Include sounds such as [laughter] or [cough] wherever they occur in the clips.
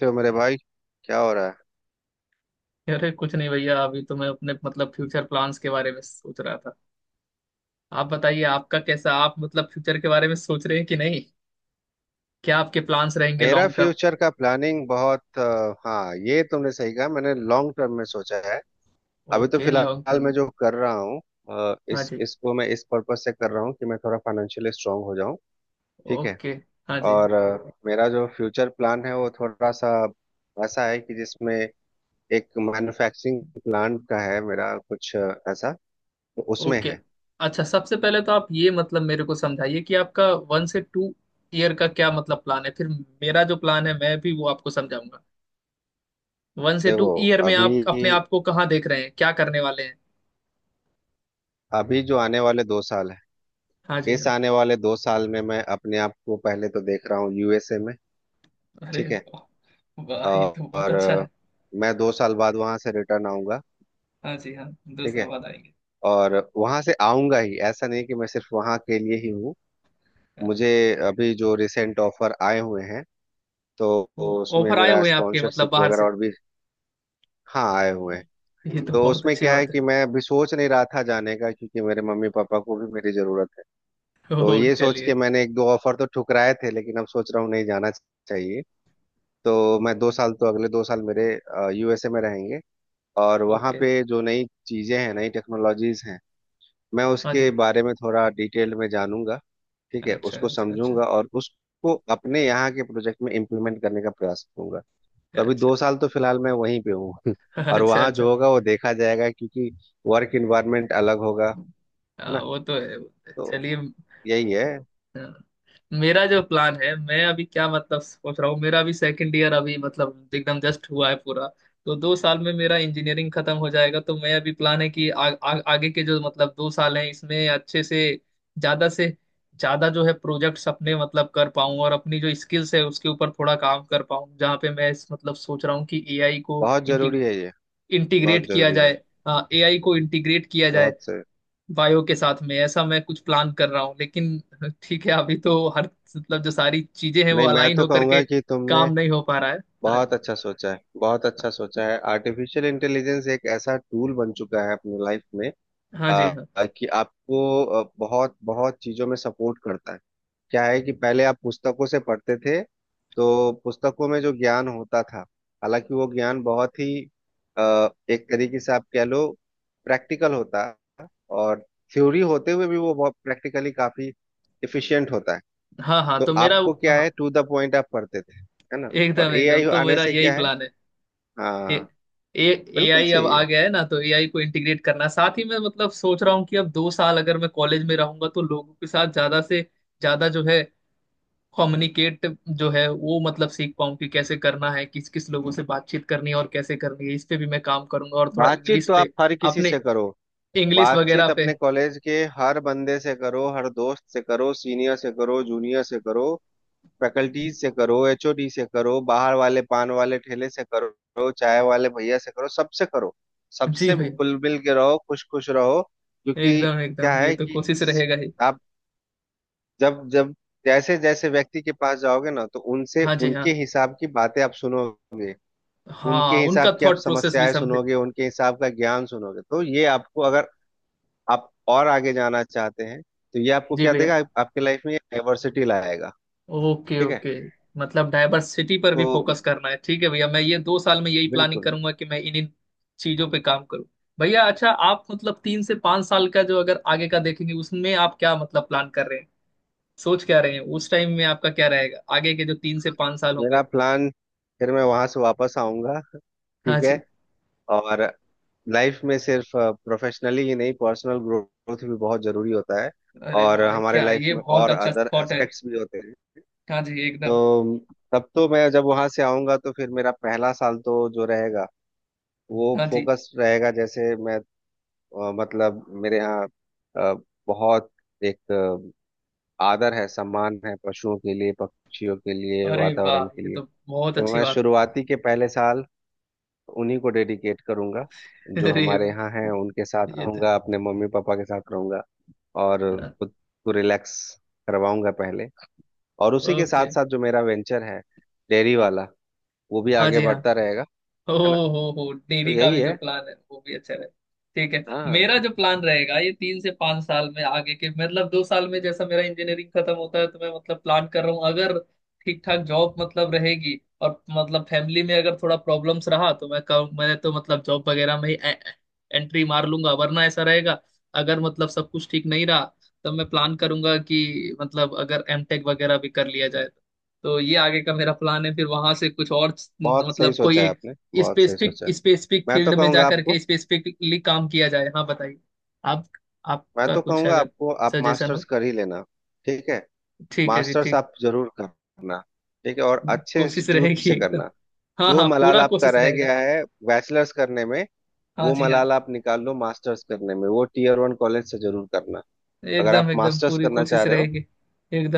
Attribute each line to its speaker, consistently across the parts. Speaker 1: तो मेरे भाई, क्या हो रहा है।
Speaker 2: अरे कुछ नहीं भैया, अभी तो मैं अपने मतलब फ्यूचर प्लान्स के बारे में सोच रहा था। आप बताइए, आपका कैसा, आप मतलब फ्यूचर के बारे में सोच रहे हैं कि नहीं। क्या आपके प्लान्स रहेंगे
Speaker 1: मेरा
Speaker 2: लॉन्ग टर्म?
Speaker 1: फ्यूचर का प्लानिंग बहुत हाँ, ये तुमने सही कहा। मैंने लॉन्ग टर्म में सोचा है। अभी तो
Speaker 2: ओके, लॉन्ग
Speaker 1: फिलहाल मैं
Speaker 2: टर्म।
Speaker 1: जो कर रहा हूँ,
Speaker 2: हाँ
Speaker 1: इस
Speaker 2: जी।
Speaker 1: इसको मैं इस पर्पस से कर रहा हूँ कि मैं थोड़ा फाइनेंशियली स्ट्रांग हो जाऊँ। ठीक है।
Speaker 2: ओके। हाँ जी।
Speaker 1: और मेरा जो फ्यूचर प्लान है वो थोड़ा सा ऐसा है कि जिसमें एक मैन्युफैक्चरिंग प्लांट का है, मेरा कुछ ऐसा तो उसमें
Speaker 2: ओके।
Speaker 1: है।
Speaker 2: अच्छा, सबसे पहले तो आप ये मतलब मेरे को समझाइए कि आपका 1 से 2 ईयर का क्या मतलब प्लान है फिर। मेरा जो प्लान है मैं भी वो आपको समझाऊंगा। वन से
Speaker 1: देखो,
Speaker 2: टू ईयर में
Speaker 1: अभी
Speaker 2: आप अपने आप को कहाँ देख रहे हैं, क्या करने वाले हैं?
Speaker 1: अभी जो आने वाले 2 साल है।
Speaker 2: हाँ जी
Speaker 1: इस
Speaker 2: हाँ।
Speaker 1: आने वाले 2 साल में मैं अपने आप को पहले तो देख रहा हूँ यूएसए में।
Speaker 2: अरे
Speaker 1: ठीक है।
Speaker 2: वाह वाह, ये तो बहुत
Speaker 1: और
Speaker 2: अच्छा है।
Speaker 1: मैं 2 साल बाद वहां से रिटर्न आऊंगा।
Speaker 2: हाँ जी हाँ। दो
Speaker 1: ठीक
Speaker 2: साल
Speaker 1: है।
Speaker 2: बाद आएंगे?
Speaker 1: और वहां से आऊंगा ही, ऐसा नहीं कि मैं सिर्फ वहां के लिए ही हूँ।
Speaker 2: हाँ,
Speaker 1: मुझे अभी जो रिसेंट ऑफर आए हुए हैं, तो
Speaker 2: तो
Speaker 1: उसमें
Speaker 2: ऑफर आए
Speaker 1: मेरा
Speaker 2: हुए हैं आपके मतलब
Speaker 1: स्पॉन्सरशिप
Speaker 2: बाहर
Speaker 1: वगैरह
Speaker 2: से?
Speaker 1: और भी, हाँ, आए हुए हैं।
Speaker 2: ये तो
Speaker 1: तो
Speaker 2: बहुत
Speaker 1: उसमें
Speaker 2: अच्छी
Speaker 1: क्या है
Speaker 2: बात है।
Speaker 1: कि मैं अभी सोच नहीं रहा था जाने का, क्योंकि मेरे मम्मी पापा को भी मेरी जरूरत है।
Speaker 2: ओह,
Speaker 1: तो ये सोच
Speaker 2: चलिए।
Speaker 1: के मैंने एक दो ऑफर तो ठुकराए थे, लेकिन अब सोच रहा हूँ नहीं जाना चाहिए। तो मैं दो साल तो अगले 2 साल मेरे यूएसए में रहेंगे। और वहाँ
Speaker 2: ओके।
Speaker 1: पे जो नई चीज़ें हैं, नई टेक्नोलॉजीज हैं, मैं
Speaker 2: हाँ
Speaker 1: उसके
Speaker 2: जी।
Speaker 1: बारे में थोड़ा डिटेल में जानूंगा। ठीक है,
Speaker 2: अच्छा
Speaker 1: उसको
Speaker 2: अच्छा अच्छा।
Speaker 1: समझूंगा और उसको अपने यहाँ के प्रोजेक्ट में इम्प्लीमेंट करने का प्रयास करूंगा। तो
Speaker 2: अच्छा
Speaker 1: अभी
Speaker 2: अच्छा
Speaker 1: 2 साल तो फिलहाल मैं वहीं पे हूँ। [laughs] और
Speaker 2: अच्छा।
Speaker 1: वहाँ
Speaker 2: अच्छा।
Speaker 1: जो होगा वो देखा जाएगा, क्योंकि वर्क इन्वायरमेंट अलग होगा, है ना।
Speaker 2: हाँ, वो तो है वो तो है।
Speaker 1: तो
Speaker 2: चलिए।
Speaker 1: यही है।
Speaker 2: हाँ। मेरा जो प्लान है मैं अभी क्या मतलब सोच रहा हूँ, मेरा अभी सेकंड ईयर अभी मतलब एकदम जस्ट हुआ है पूरा। तो 2 साल में मेरा इंजीनियरिंग खत्म हो जाएगा, तो मैं अभी प्लान है कि आ, आ, आगे के जो मतलब 2 साल हैं इसमें अच्छे से ज्यादा जो है प्रोजेक्ट्स अपने मतलब कर पाऊँ और अपनी जो स्किल्स है उसके ऊपर थोड़ा काम कर पाऊँ। जहाँ पे मैं इस मतलब सोच रहा हूँ कि एआई को
Speaker 1: बहुत जरूरी है ये। बहुत
Speaker 2: इंटीग्रेट किया
Speaker 1: जरूरी है।
Speaker 2: जाए। एआई को इंटीग्रेट किया जाए
Speaker 1: बहुत से
Speaker 2: बायो के साथ में, ऐसा मैं कुछ प्लान कर रहा हूँ। लेकिन ठीक है अभी तो हर मतलब जो सारी चीजें हैं वो
Speaker 1: नहीं, मैं
Speaker 2: अलाइन
Speaker 1: तो
Speaker 2: होकर के
Speaker 1: कहूंगा कि तुमने
Speaker 2: काम नहीं हो पा रहा है। हाँ
Speaker 1: बहुत
Speaker 2: जी।
Speaker 1: अच्छा सोचा है, बहुत अच्छा सोचा है। आर्टिफिशियल इंटेलिजेंस एक ऐसा टूल बन चुका है अपनी लाइफ में।
Speaker 2: हाँ जी
Speaker 1: आ,
Speaker 2: हाँ।
Speaker 1: कि आपको बहुत बहुत चीजों में सपोर्ट करता है। क्या है कि पहले आप पुस्तकों से पढ़ते थे, तो पुस्तकों में जो ज्ञान होता था, हालांकि वो ज्ञान बहुत ही एक तरीके से आप कह लो प्रैक्टिकल होता, और थ्योरी होते हुए भी वो बहुत प्रैक्टिकली काफी इफिशियंट होता है।
Speaker 2: हाँ हाँ
Speaker 1: तो
Speaker 2: तो मेरा
Speaker 1: आपको क्या है,
Speaker 2: हाँ,
Speaker 1: टू द पॉइंट आप पढ़ते थे, है ना।
Speaker 2: एकदम
Speaker 1: और
Speaker 2: एकदम
Speaker 1: एआई
Speaker 2: तो
Speaker 1: आने
Speaker 2: मेरा
Speaker 1: से
Speaker 2: यही
Speaker 1: क्या है।
Speaker 2: प्लान है।
Speaker 1: हाँ,
Speaker 2: ए ए
Speaker 1: बिल्कुल
Speaker 2: आई अब
Speaker 1: सही
Speaker 2: आ
Speaker 1: है।
Speaker 2: गया है ना, तो ए आई को इंटीग्रेट करना। साथ ही मैं मतलब सोच रहा हूँ कि अब 2 साल अगर मैं कॉलेज में रहूंगा तो लोगों के साथ ज्यादा से ज्यादा जो है कम्युनिकेट जो है वो मतलब सीख पाऊँ कि कैसे करना है, किस किस लोगों से बातचीत करनी है और कैसे करनी है। इस पे भी मैं काम करूंगा, और थोड़ा
Speaker 1: बातचीत
Speaker 2: इंग्लिश
Speaker 1: तो आप
Speaker 2: पे
Speaker 1: हर किसी से
Speaker 2: अपने
Speaker 1: करो।
Speaker 2: इंग्लिश वगैरह
Speaker 1: बातचीत
Speaker 2: पे।
Speaker 1: अपने कॉलेज के हर बंदे से करो, हर दोस्त से करो, सीनियर से करो, जूनियर से करो, फैकल्टीज से करो, एचओडी से करो, बाहर वाले पान वाले ठेले से करो, चाय वाले भैया से करो, सबसे करो।
Speaker 2: जी
Speaker 1: सबसे
Speaker 2: भाई।
Speaker 1: खुल मिल के रहो, खुश खुश रहो, क्योंकि
Speaker 2: एकदम
Speaker 1: क्या
Speaker 2: एकदम, ये
Speaker 1: है
Speaker 2: तो
Speaker 1: कि
Speaker 2: कोशिश रहेगा ही।
Speaker 1: आप जब जब जैसे जैसे व्यक्ति के पास जाओगे ना, तो उनसे
Speaker 2: हाँ जी
Speaker 1: उनके
Speaker 2: हाँ।
Speaker 1: हिसाब की बातें आप सुनोगे। उनके
Speaker 2: हाँ, उनका
Speaker 1: हिसाब की आप
Speaker 2: थॉट प्रोसेस भी
Speaker 1: समस्याएं
Speaker 2: समझे।
Speaker 1: सुनोगे, उनके हिसाब का ज्ञान सुनोगे। तो ये आपको, अगर आप और आगे जाना चाहते हैं, तो ये आपको
Speaker 2: जी
Speaker 1: क्या
Speaker 2: भैया।
Speaker 1: देगा, आपके लाइफ में डाइवर्सिटी लाएगा।
Speaker 2: ओके
Speaker 1: ठीक है।
Speaker 2: ओके। मतलब डाइवर्सिटी पर भी फोकस
Speaker 1: तो
Speaker 2: करना है, ठीक है भैया। मैं ये 2 साल में यही प्लानिंग
Speaker 1: बिल्कुल।
Speaker 2: करूंगा कि मैं इन इन चीजों पे काम करूँ। भैया, अच्छा, आप मतलब 3 से 5 साल का जो अगर आगे का देखेंगे उसमें आप क्या मतलब प्लान कर रहे हैं, सोच क्या रहे हैं? उस टाइम में आपका क्या रहेगा, आगे के जो 3 से 5 साल
Speaker 1: मेरा
Speaker 2: होंगे?
Speaker 1: प्लान, फिर मैं वहां से वापस आऊंगा।
Speaker 2: हाँ
Speaker 1: ठीक है।
Speaker 2: जी।
Speaker 1: और लाइफ में सिर्फ प्रोफेशनली ही नहीं, पर्सनल ग्रोथ भी बहुत जरूरी होता है।
Speaker 2: अरे
Speaker 1: और
Speaker 2: वाह,
Speaker 1: हमारे
Speaker 2: क्या है
Speaker 1: लाइफ
Speaker 2: ये,
Speaker 1: में
Speaker 2: बहुत
Speaker 1: और
Speaker 2: अच्छा
Speaker 1: अदर
Speaker 2: थॉट है।
Speaker 1: एस्पेक्ट्स भी होते हैं।
Speaker 2: हाँ जी एकदम।
Speaker 1: तो तब तो मैं जब वहां से आऊंगा, तो फिर मेरा पहला साल तो जो रहेगा, वो
Speaker 2: हाँ जी।
Speaker 1: फोकस रहेगा। जैसे मैं मतलब मेरे यहाँ अ, बहुत एक आदर है, सम्मान है, पशुओं के लिए, पक्षियों के लिए,
Speaker 2: अरे वाह,
Speaker 1: वातावरण के
Speaker 2: ये
Speaker 1: लिए।
Speaker 2: तो बहुत
Speaker 1: तो
Speaker 2: अच्छी
Speaker 1: मैं
Speaker 2: बात है।
Speaker 1: शुरुआती के पहले साल उन्हीं को डेडिकेट करूंगा,
Speaker 2: [laughs]
Speaker 1: जो
Speaker 2: अरे
Speaker 1: हमारे
Speaker 2: वाह,
Speaker 1: यहाँ हैं उनके साथ
Speaker 2: ये तो।
Speaker 1: रहूंगा, अपने मम्मी पापा के साथ रहूंगा। और
Speaker 2: ओके।
Speaker 1: खुद को रिलैक्स करवाऊंगा पहले। और उसी
Speaker 2: हाँ
Speaker 1: के साथ
Speaker 2: okay।
Speaker 1: साथ जो मेरा वेंचर है डेयरी वाला, वो भी
Speaker 2: हाँ
Speaker 1: आगे
Speaker 2: जी हाँ।
Speaker 1: बढ़ता रहेगा,
Speaker 2: हो
Speaker 1: है ना।
Speaker 2: हो,
Speaker 1: तो
Speaker 2: डेयरी का
Speaker 1: यही
Speaker 2: भी जो
Speaker 1: है।
Speaker 2: प्लान है वो भी अच्छा रहे। ठीक है।
Speaker 1: हाँ,
Speaker 2: मेरा जो प्लान रहेगा ये 3 से 5 साल में, आगे के मतलब 2 साल में जैसा मेरा इंजीनियरिंग खत्म होता है तो मैं मतलब प्लान कर रहा हूँ अगर ठीक ठाक जॉब मतलब रहेगी और मतलब फैमिली में अगर थोड़ा प्रॉब्लम्स रहा, तो मैं कहूँ मैं तो मतलब जॉब वगैरह में ही एंट्री मार लूंगा, वरना ऐसा रहेगा। अगर मतलब सब कुछ ठीक नहीं रहा तब मैं प्लान करूंगा कि मतलब अगर एमटेक वगैरह भी कर लिया जाए। तो ये आगे का मेरा प्लान है, फिर वहां से कुछ और
Speaker 1: बहुत सही
Speaker 2: मतलब कोई
Speaker 1: सोचा है
Speaker 2: एक
Speaker 1: आपने, बहुत सही
Speaker 2: स्पेसिफिक
Speaker 1: सोचा है।
Speaker 2: स्पेसिफिक
Speaker 1: मैं तो
Speaker 2: फील्ड में जा
Speaker 1: कहूंगा आपको
Speaker 2: करके स्पेसिफिकली काम किया जाए। हाँ बताइए, आप
Speaker 1: मैं
Speaker 2: आपका
Speaker 1: तो
Speaker 2: कुछ
Speaker 1: कहूंगा
Speaker 2: अगर
Speaker 1: आपको आप
Speaker 2: सजेशन
Speaker 1: मास्टर्स
Speaker 2: हो।
Speaker 1: कर ही लेना। ठीक है।
Speaker 2: ठीक है जी,
Speaker 1: मास्टर्स
Speaker 2: ठीक।
Speaker 1: आप जरूर करना। ठीक है। और अच्छे
Speaker 2: कोशिश
Speaker 1: इंस्टीट्यूट
Speaker 2: रहेगी
Speaker 1: से
Speaker 2: एकदम।
Speaker 1: करना।
Speaker 2: हाँ
Speaker 1: जो
Speaker 2: हाँ,
Speaker 1: मलाल
Speaker 2: पूरा
Speaker 1: आपका
Speaker 2: कोशिश
Speaker 1: रह
Speaker 2: रहेगा।
Speaker 1: गया है बैचलर्स करने में,
Speaker 2: हाँ
Speaker 1: वो
Speaker 2: जी हाँ।
Speaker 1: मलाल आप निकाल लो मास्टर्स करने में। वो टीयर वन कॉलेज से जरूर करना। अगर आप
Speaker 2: एकदम एकदम
Speaker 1: मास्टर्स
Speaker 2: पूरी
Speaker 1: करना चाह
Speaker 2: कोशिश
Speaker 1: रहे हो,
Speaker 2: रहेगी।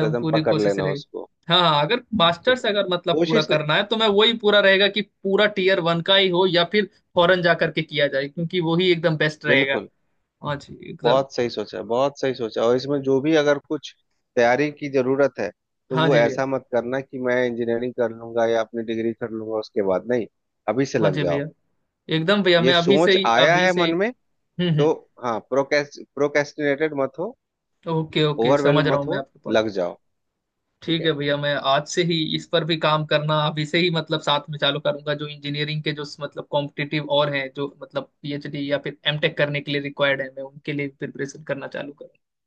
Speaker 1: तो एकदम
Speaker 2: पूरी
Speaker 1: पकड़
Speaker 2: कोशिश
Speaker 1: लेना
Speaker 2: रहेगी।
Speaker 1: उसको।
Speaker 2: हाँ हाँ, अगर
Speaker 1: ठीक है।
Speaker 2: मास्टर्स अगर मतलब पूरा
Speaker 1: कोशिश नहीं,
Speaker 2: करना है तो मैं वही पूरा रहेगा कि पूरा टीयर वन का ही हो या फिर फॉरेन जा करके किया जाए, क्योंकि वही एकदम बेस्ट रहेगा।
Speaker 1: बिल्कुल।
Speaker 2: हाँ जी एकदम।
Speaker 1: बहुत सही सोचा, बहुत सही सोचा। और इसमें जो भी अगर कुछ तैयारी की जरूरत है, तो
Speaker 2: हाँ
Speaker 1: वो
Speaker 2: जी भैया।
Speaker 1: ऐसा मत करना कि मैं इंजीनियरिंग कर लूंगा या अपनी डिग्री कर लूंगा उसके बाद। नहीं, अभी से
Speaker 2: हाँ
Speaker 1: लग
Speaker 2: जी भैया
Speaker 1: जाओ।
Speaker 2: एकदम भैया,
Speaker 1: ये
Speaker 2: मैं अभी से
Speaker 1: सोच
Speaker 2: ही
Speaker 1: आया
Speaker 2: अभी
Speaker 1: है
Speaker 2: से
Speaker 1: मन
Speaker 2: ही।
Speaker 1: में,
Speaker 2: हम्म।
Speaker 1: तो हाँ, प्रोकेस्टिनेटेड मत हो,
Speaker 2: ओके ओके,
Speaker 1: ओवरवेल
Speaker 2: समझ रहा
Speaker 1: मत
Speaker 2: हूँ मैं
Speaker 1: हो,
Speaker 2: आपके पॉइंट
Speaker 1: लग
Speaker 2: को।
Speaker 1: जाओ। ठीक
Speaker 2: ठीक है
Speaker 1: है।
Speaker 2: भैया, मैं आज से ही इस पर भी काम करना अभी से ही मतलब साथ में चालू करूंगा। जो इंजीनियरिंग के जो मतलब कॉम्पिटिटिव और हैं, जो मतलब पीएचडी या फिर एमटेक करने के लिए रिक्वायर्ड है, मैं उनके लिए प्रिपरेशन करना चालू करूंगा।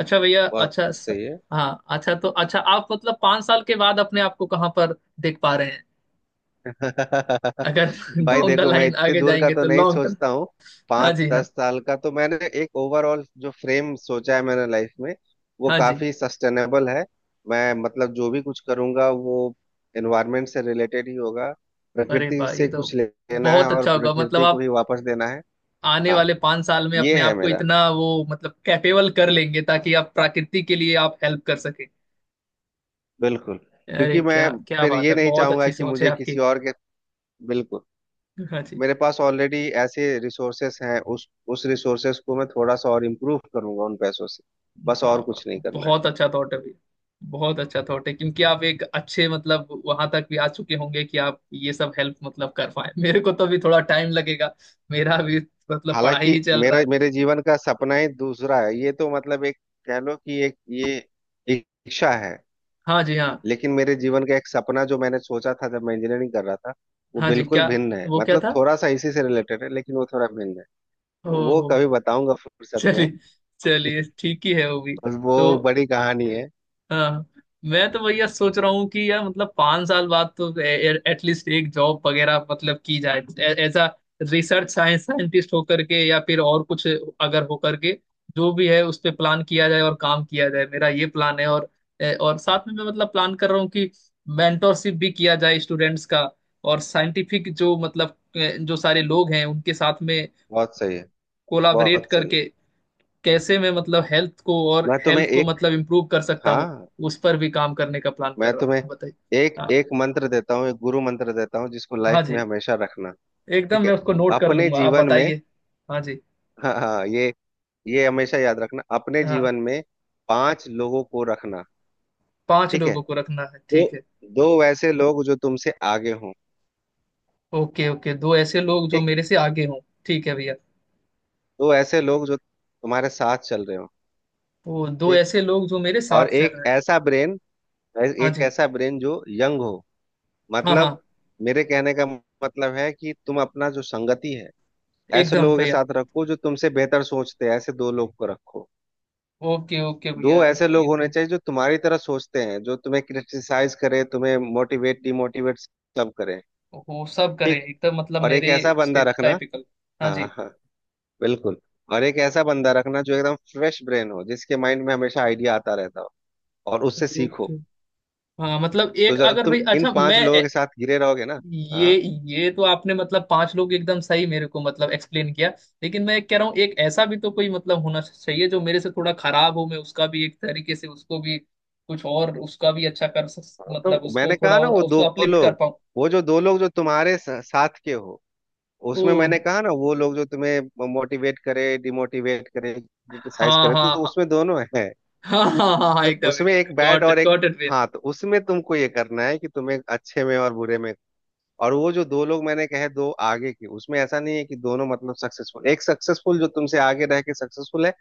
Speaker 2: अच्छा भैया,
Speaker 1: बहुत सही है।
Speaker 2: हाँ अच्छा, तो अच्छा, आप मतलब 5 साल के बाद अपने आप को कहाँ पर देख पा रहे हैं,
Speaker 1: [laughs]
Speaker 2: अगर [laughs]
Speaker 1: भाई,
Speaker 2: डाउन द
Speaker 1: देखो, मैं
Speaker 2: लाइन
Speaker 1: इतने
Speaker 2: आगे
Speaker 1: दूर का
Speaker 2: जाएंगे
Speaker 1: तो
Speaker 2: तो
Speaker 1: नहीं
Speaker 2: लॉन्ग टर्म?
Speaker 1: सोचता हूँ।
Speaker 2: हाँ
Speaker 1: पाँच
Speaker 2: जी हाँ।
Speaker 1: दस साल का तो मैंने एक ओवरऑल जो फ्रेम सोचा है मैंने लाइफ में, वो
Speaker 2: हाँ जी।
Speaker 1: काफी सस्टेनेबल है। मैं मतलब जो भी कुछ करूंगा, वो एनवायरमेंट से रिलेटेड ही होगा।
Speaker 2: अरे
Speaker 1: प्रकृति
Speaker 2: वाह, ये
Speaker 1: से
Speaker 2: तो
Speaker 1: कुछ लेना है
Speaker 2: बहुत
Speaker 1: और
Speaker 2: अच्छा होगा, मतलब
Speaker 1: प्रकृति को
Speaker 2: आप
Speaker 1: ही वापस देना है।
Speaker 2: आने
Speaker 1: हाँ,
Speaker 2: वाले 5 साल में
Speaker 1: ये
Speaker 2: अपने
Speaker 1: है
Speaker 2: आप को
Speaker 1: मेरा।
Speaker 2: इतना वो मतलब कैपेबल कर लेंगे ताकि आप प्रकृति के लिए आप हेल्प कर सके।
Speaker 1: बिल्कुल।
Speaker 2: अरे,
Speaker 1: क्योंकि मैं
Speaker 2: क्या क्या
Speaker 1: फिर
Speaker 2: बात
Speaker 1: ये
Speaker 2: है,
Speaker 1: नहीं
Speaker 2: बहुत
Speaker 1: चाहूंगा
Speaker 2: अच्छी
Speaker 1: कि
Speaker 2: सोच है
Speaker 1: मुझे किसी
Speaker 2: आपकी।
Speaker 1: और के। बिल्कुल।
Speaker 2: हाँ जी।
Speaker 1: मेरे पास ऑलरेडी ऐसे रिसोर्सेस हैं, उस रिसोर्सेस को मैं थोड़ा सा और इम्प्रूव करूंगा उन पैसों से। बस,
Speaker 2: वाह
Speaker 1: और
Speaker 2: वाह,
Speaker 1: कुछ नहीं करना है।
Speaker 2: बहुत अच्छा थॉट है भैया। बहुत अच्छा थॉट है, क्योंकि आप एक अच्छे मतलब वहां तक भी आ चुके होंगे कि आप ये सब हेल्प मतलब कर पाए। मेरे को तो भी थोड़ा टाइम लगेगा, मेरा भी मतलब पढ़ाई
Speaker 1: हालांकि
Speaker 2: ही चल रहा
Speaker 1: मेरा
Speaker 2: है।
Speaker 1: मेरे जीवन का सपना ही दूसरा है, ये तो मतलब एक, कह लो कि एक ये इच्छा है।
Speaker 2: हाँ जी हाँ।
Speaker 1: लेकिन मेरे जीवन का एक सपना जो मैंने सोचा था जब मैं इंजीनियरिंग कर रहा था, वो
Speaker 2: हाँ जी,
Speaker 1: बिल्कुल
Speaker 2: क्या
Speaker 1: भिन्न है।
Speaker 2: वो क्या
Speaker 1: मतलब
Speaker 2: था?
Speaker 1: थोड़ा सा इसी से रिलेटेड है, लेकिन वो थोड़ा भिन्न है।
Speaker 2: ओ,
Speaker 1: वो कभी बताऊंगा फुर्सत में।
Speaker 2: चलिए चलिए, ठीक ही है वो भी।
Speaker 1: बस वो
Speaker 2: तो
Speaker 1: बड़ी कहानी है।
Speaker 2: हाँ, मैं तो भैया सोच रहा हूँ कि यार मतलब 5 साल बाद तो एटलीस्ट एक जॉब वगैरह मतलब की जाए, as a research science scientist होकर के या फिर और कुछ, अगर होकर के जो भी है उस पे प्लान किया जाए और काम किया जाए, मेरा ये प्लान है। और और साथ में मैं मतलब प्लान कर रहा हूँ कि मेंटोरशिप भी किया जाए स्टूडेंट्स का, और साइंटिफिक जो मतलब जो सारे लोग हैं उनके साथ में
Speaker 1: बहुत सही है,
Speaker 2: कोलाबरेट
Speaker 1: बहुत सही।
Speaker 2: करके कैसे मैं मतलब हेल्थ को, और
Speaker 1: मैं तुम्हें
Speaker 2: हेल्थ को
Speaker 1: एक
Speaker 2: मतलब इम्प्रूव कर सकता हूँ,
Speaker 1: हाँ,
Speaker 2: उस पर भी काम करने का प्लान कर
Speaker 1: मैं
Speaker 2: रहा हूँ।
Speaker 1: तुम्हें
Speaker 2: बताइए।
Speaker 1: एक
Speaker 2: हाँ।
Speaker 1: एक मंत्र देता हूँ, एक गुरु मंत्र देता हूँ जिसको
Speaker 2: हाँ
Speaker 1: लाइफ में
Speaker 2: जी।
Speaker 1: हमेशा रखना।
Speaker 2: एकदम,
Speaker 1: ठीक
Speaker 2: मैं
Speaker 1: है।
Speaker 2: उसको नोट कर
Speaker 1: अपने
Speaker 2: लूंगा, आप
Speaker 1: जीवन में,
Speaker 2: बताइए। हाँ जी
Speaker 1: हाँ, हाँ, ये हमेशा याद रखना अपने
Speaker 2: हाँ।
Speaker 1: जीवन में। पांच लोगों को रखना।
Speaker 2: पांच
Speaker 1: ठीक है।
Speaker 2: लोगों को रखना है,
Speaker 1: दो
Speaker 2: ठीक है।
Speaker 1: दो वैसे लोग जो तुमसे आगे हों।
Speaker 2: ओके ओके, दो ऐसे लोग जो
Speaker 1: ठीक।
Speaker 2: मेरे से आगे हों। ठीक है भैया।
Speaker 1: दो ऐसे लोग जो तुम्हारे साथ चल रहे हो।
Speaker 2: वो दो
Speaker 1: ठीक।
Speaker 2: ऐसे लोग जो मेरे साथ
Speaker 1: और
Speaker 2: चल रहे हैं। हाँ
Speaker 1: एक
Speaker 2: जी।
Speaker 1: ऐसा ब्रेन जो यंग हो,
Speaker 2: हाँ हाँ।
Speaker 1: मतलब मेरे कहने का मतलब है कि तुम अपना जो संगति है, ऐसे
Speaker 2: एकदम
Speaker 1: लोगों के
Speaker 2: भैया।
Speaker 1: साथ रखो जो तुमसे बेहतर सोचते हैं, ऐसे दो लोग को रखो।
Speaker 2: ओके ओके
Speaker 1: दो
Speaker 2: भैया।
Speaker 1: ऐसे लोग
Speaker 2: ये
Speaker 1: होने
Speaker 2: तो
Speaker 1: चाहिए जो तुम्हारी तरह सोचते हैं, जो तुम्हें क्रिटिसाइज करे, तुम्हें मोटिवेट डिमोटिवेट सब करे।
Speaker 2: वो सब करें,
Speaker 1: ठीक।
Speaker 2: एकदम मतलब
Speaker 1: और एक
Speaker 2: मेरे
Speaker 1: ऐसा
Speaker 2: उसके
Speaker 1: बंदा रखना,
Speaker 2: टाइपिकल। हाँ
Speaker 1: हाँ,
Speaker 2: जी।
Speaker 1: हाँ, बिल्कुल, और एक ऐसा बंदा रखना जो एकदम फ्रेश ब्रेन हो, जिसके माइंड में हमेशा आइडिया आता रहता हो, और उससे
Speaker 2: ओके।
Speaker 1: सीखो।
Speaker 2: हाँ मतलब
Speaker 1: तो
Speaker 2: एक
Speaker 1: जब
Speaker 2: अगर
Speaker 1: तुम
Speaker 2: भाई,
Speaker 1: इन
Speaker 2: अच्छा
Speaker 1: पांच
Speaker 2: मैं
Speaker 1: लोगों के साथ घिरे रहोगे ना।
Speaker 2: ये
Speaker 1: हाँ।
Speaker 2: ये तो आपने मतलब पांच लोग एकदम सही मेरे को मतलब एक्सप्लेन किया। लेकिन मैं कह रहा हूँ एक ऐसा भी तो कोई मतलब होना चाहिए जो मेरे से थोड़ा खराब हो, मैं उसका भी एक तरीके से उसको भी कुछ और उसका भी अच्छा कर सक मतलब
Speaker 1: तो
Speaker 2: उसको
Speaker 1: मैंने
Speaker 2: थोड़ा
Speaker 1: कहा ना
Speaker 2: और उसको अपलिफ्ट कर
Speaker 1: लोग
Speaker 2: पाऊँ।
Speaker 1: वो जो दो लोग जो तुम्हारे साथ के हो।
Speaker 2: ओ।
Speaker 1: उसमें मैंने कहा ना, वो लोग जो तुम्हें मोटिवेट करे, डिमोटिवेट करे, क्रिटिसाइज
Speaker 2: हाँ
Speaker 1: करे, तो
Speaker 2: हाँ हाँ।
Speaker 1: उसमें दोनों है।
Speaker 2: हाँ हाँ हाँ हाँ,
Speaker 1: तो
Speaker 2: एकदम
Speaker 1: उसमें
Speaker 2: एकदम,
Speaker 1: एक बैड
Speaker 2: गॉट
Speaker 1: और
Speaker 2: इट
Speaker 1: एक
Speaker 2: गॉट इट।
Speaker 1: हाँ, तो उसमें तुमको ये करना है कि तुम्हें अच्छे में और बुरे में। और वो जो दो लोग मैंने कहे, दो आगे के, उसमें ऐसा नहीं है कि दोनों मतलब सक्सेसफुल। एक सक्सेसफुल जो तुमसे आगे रह के सक्सेसफुल है,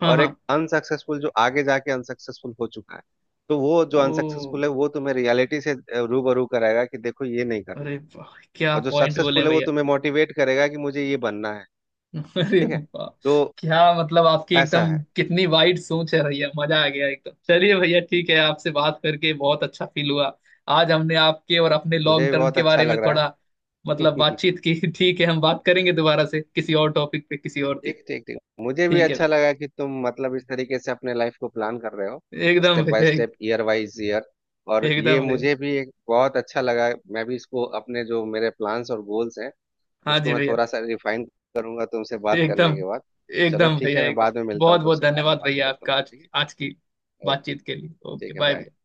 Speaker 2: हाँ
Speaker 1: और
Speaker 2: हाँ।
Speaker 1: एक अनसक्सेसफुल जो आगे जाके अनसक्सेसफुल हो चुका है। तो वो जो
Speaker 2: ओ।
Speaker 1: अनसक्सेसफुल है, वो तुम्हें रियलिटी से रूबरू कराएगा कि देखो, ये नहीं करना।
Speaker 2: अरे वाह, क्या
Speaker 1: और जो
Speaker 2: पॉइंट बोले
Speaker 1: सक्सेसफुल है वो
Speaker 2: भैया।
Speaker 1: तुम्हें मोटिवेट करेगा कि मुझे ये बनना है।
Speaker 2: [laughs] अरे
Speaker 1: ठीक है।
Speaker 2: वाह,
Speaker 1: तो
Speaker 2: क्या मतलब आपकी
Speaker 1: ऐसा
Speaker 2: एकदम
Speaker 1: है,
Speaker 2: कितनी वाइड सोच है भैया, मजा आ गया एकदम। चलिए भैया, ठीक है, आपसे बात करके बहुत अच्छा फील हुआ। आज हमने आपके और अपने
Speaker 1: मुझे
Speaker 2: लॉन्ग
Speaker 1: भी
Speaker 2: टर्म
Speaker 1: बहुत
Speaker 2: के
Speaker 1: अच्छा
Speaker 2: बारे में
Speaker 1: लग रहा
Speaker 2: थोड़ा
Speaker 1: है।
Speaker 2: मतलब
Speaker 1: [laughs]
Speaker 2: बातचीत की। [laughs] ठीक है, हम बात करेंगे दोबारा से किसी और टॉपिक पे किसी और दिन।
Speaker 1: ठीक, ठीक, ठीक। मुझे भी
Speaker 2: ठीक है।
Speaker 1: अच्छा लगा कि तुम मतलब इस तरीके से अपने लाइफ को प्लान कर रहे हो,
Speaker 2: एकदम
Speaker 1: स्टेप बाय
Speaker 2: भैया एक,
Speaker 1: स्टेप, ईयर वाइज ईयर। और ये
Speaker 2: एकदम भैया।
Speaker 1: मुझे भी एक बहुत अच्छा लगा। मैं भी इसको, अपने जो मेरे प्लान्स और गोल्स हैं,
Speaker 2: हाँ
Speaker 1: उसको
Speaker 2: जी
Speaker 1: मैं
Speaker 2: भैया।
Speaker 1: थोड़ा सा रिफाइन करूंगा तुमसे बात करने
Speaker 2: एकदम
Speaker 1: के बाद। चलो,
Speaker 2: एकदम
Speaker 1: ठीक
Speaker 2: भैया
Speaker 1: है। मैं
Speaker 2: एकदम।
Speaker 1: बाद में मिलता
Speaker 2: बहुत
Speaker 1: हूँ
Speaker 2: बहुत
Speaker 1: तुमसे, बाद में
Speaker 2: धन्यवाद
Speaker 1: बात
Speaker 2: भैया
Speaker 1: करता
Speaker 2: आपका,
Speaker 1: हूँ।
Speaker 2: आज
Speaker 1: ठीक
Speaker 2: आज की
Speaker 1: है। ओके।
Speaker 2: बातचीत के लिए। ओके,
Speaker 1: ठीक है।
Speaker 2: Bye
Speaker 1: bye.
Speaker 2: भैया।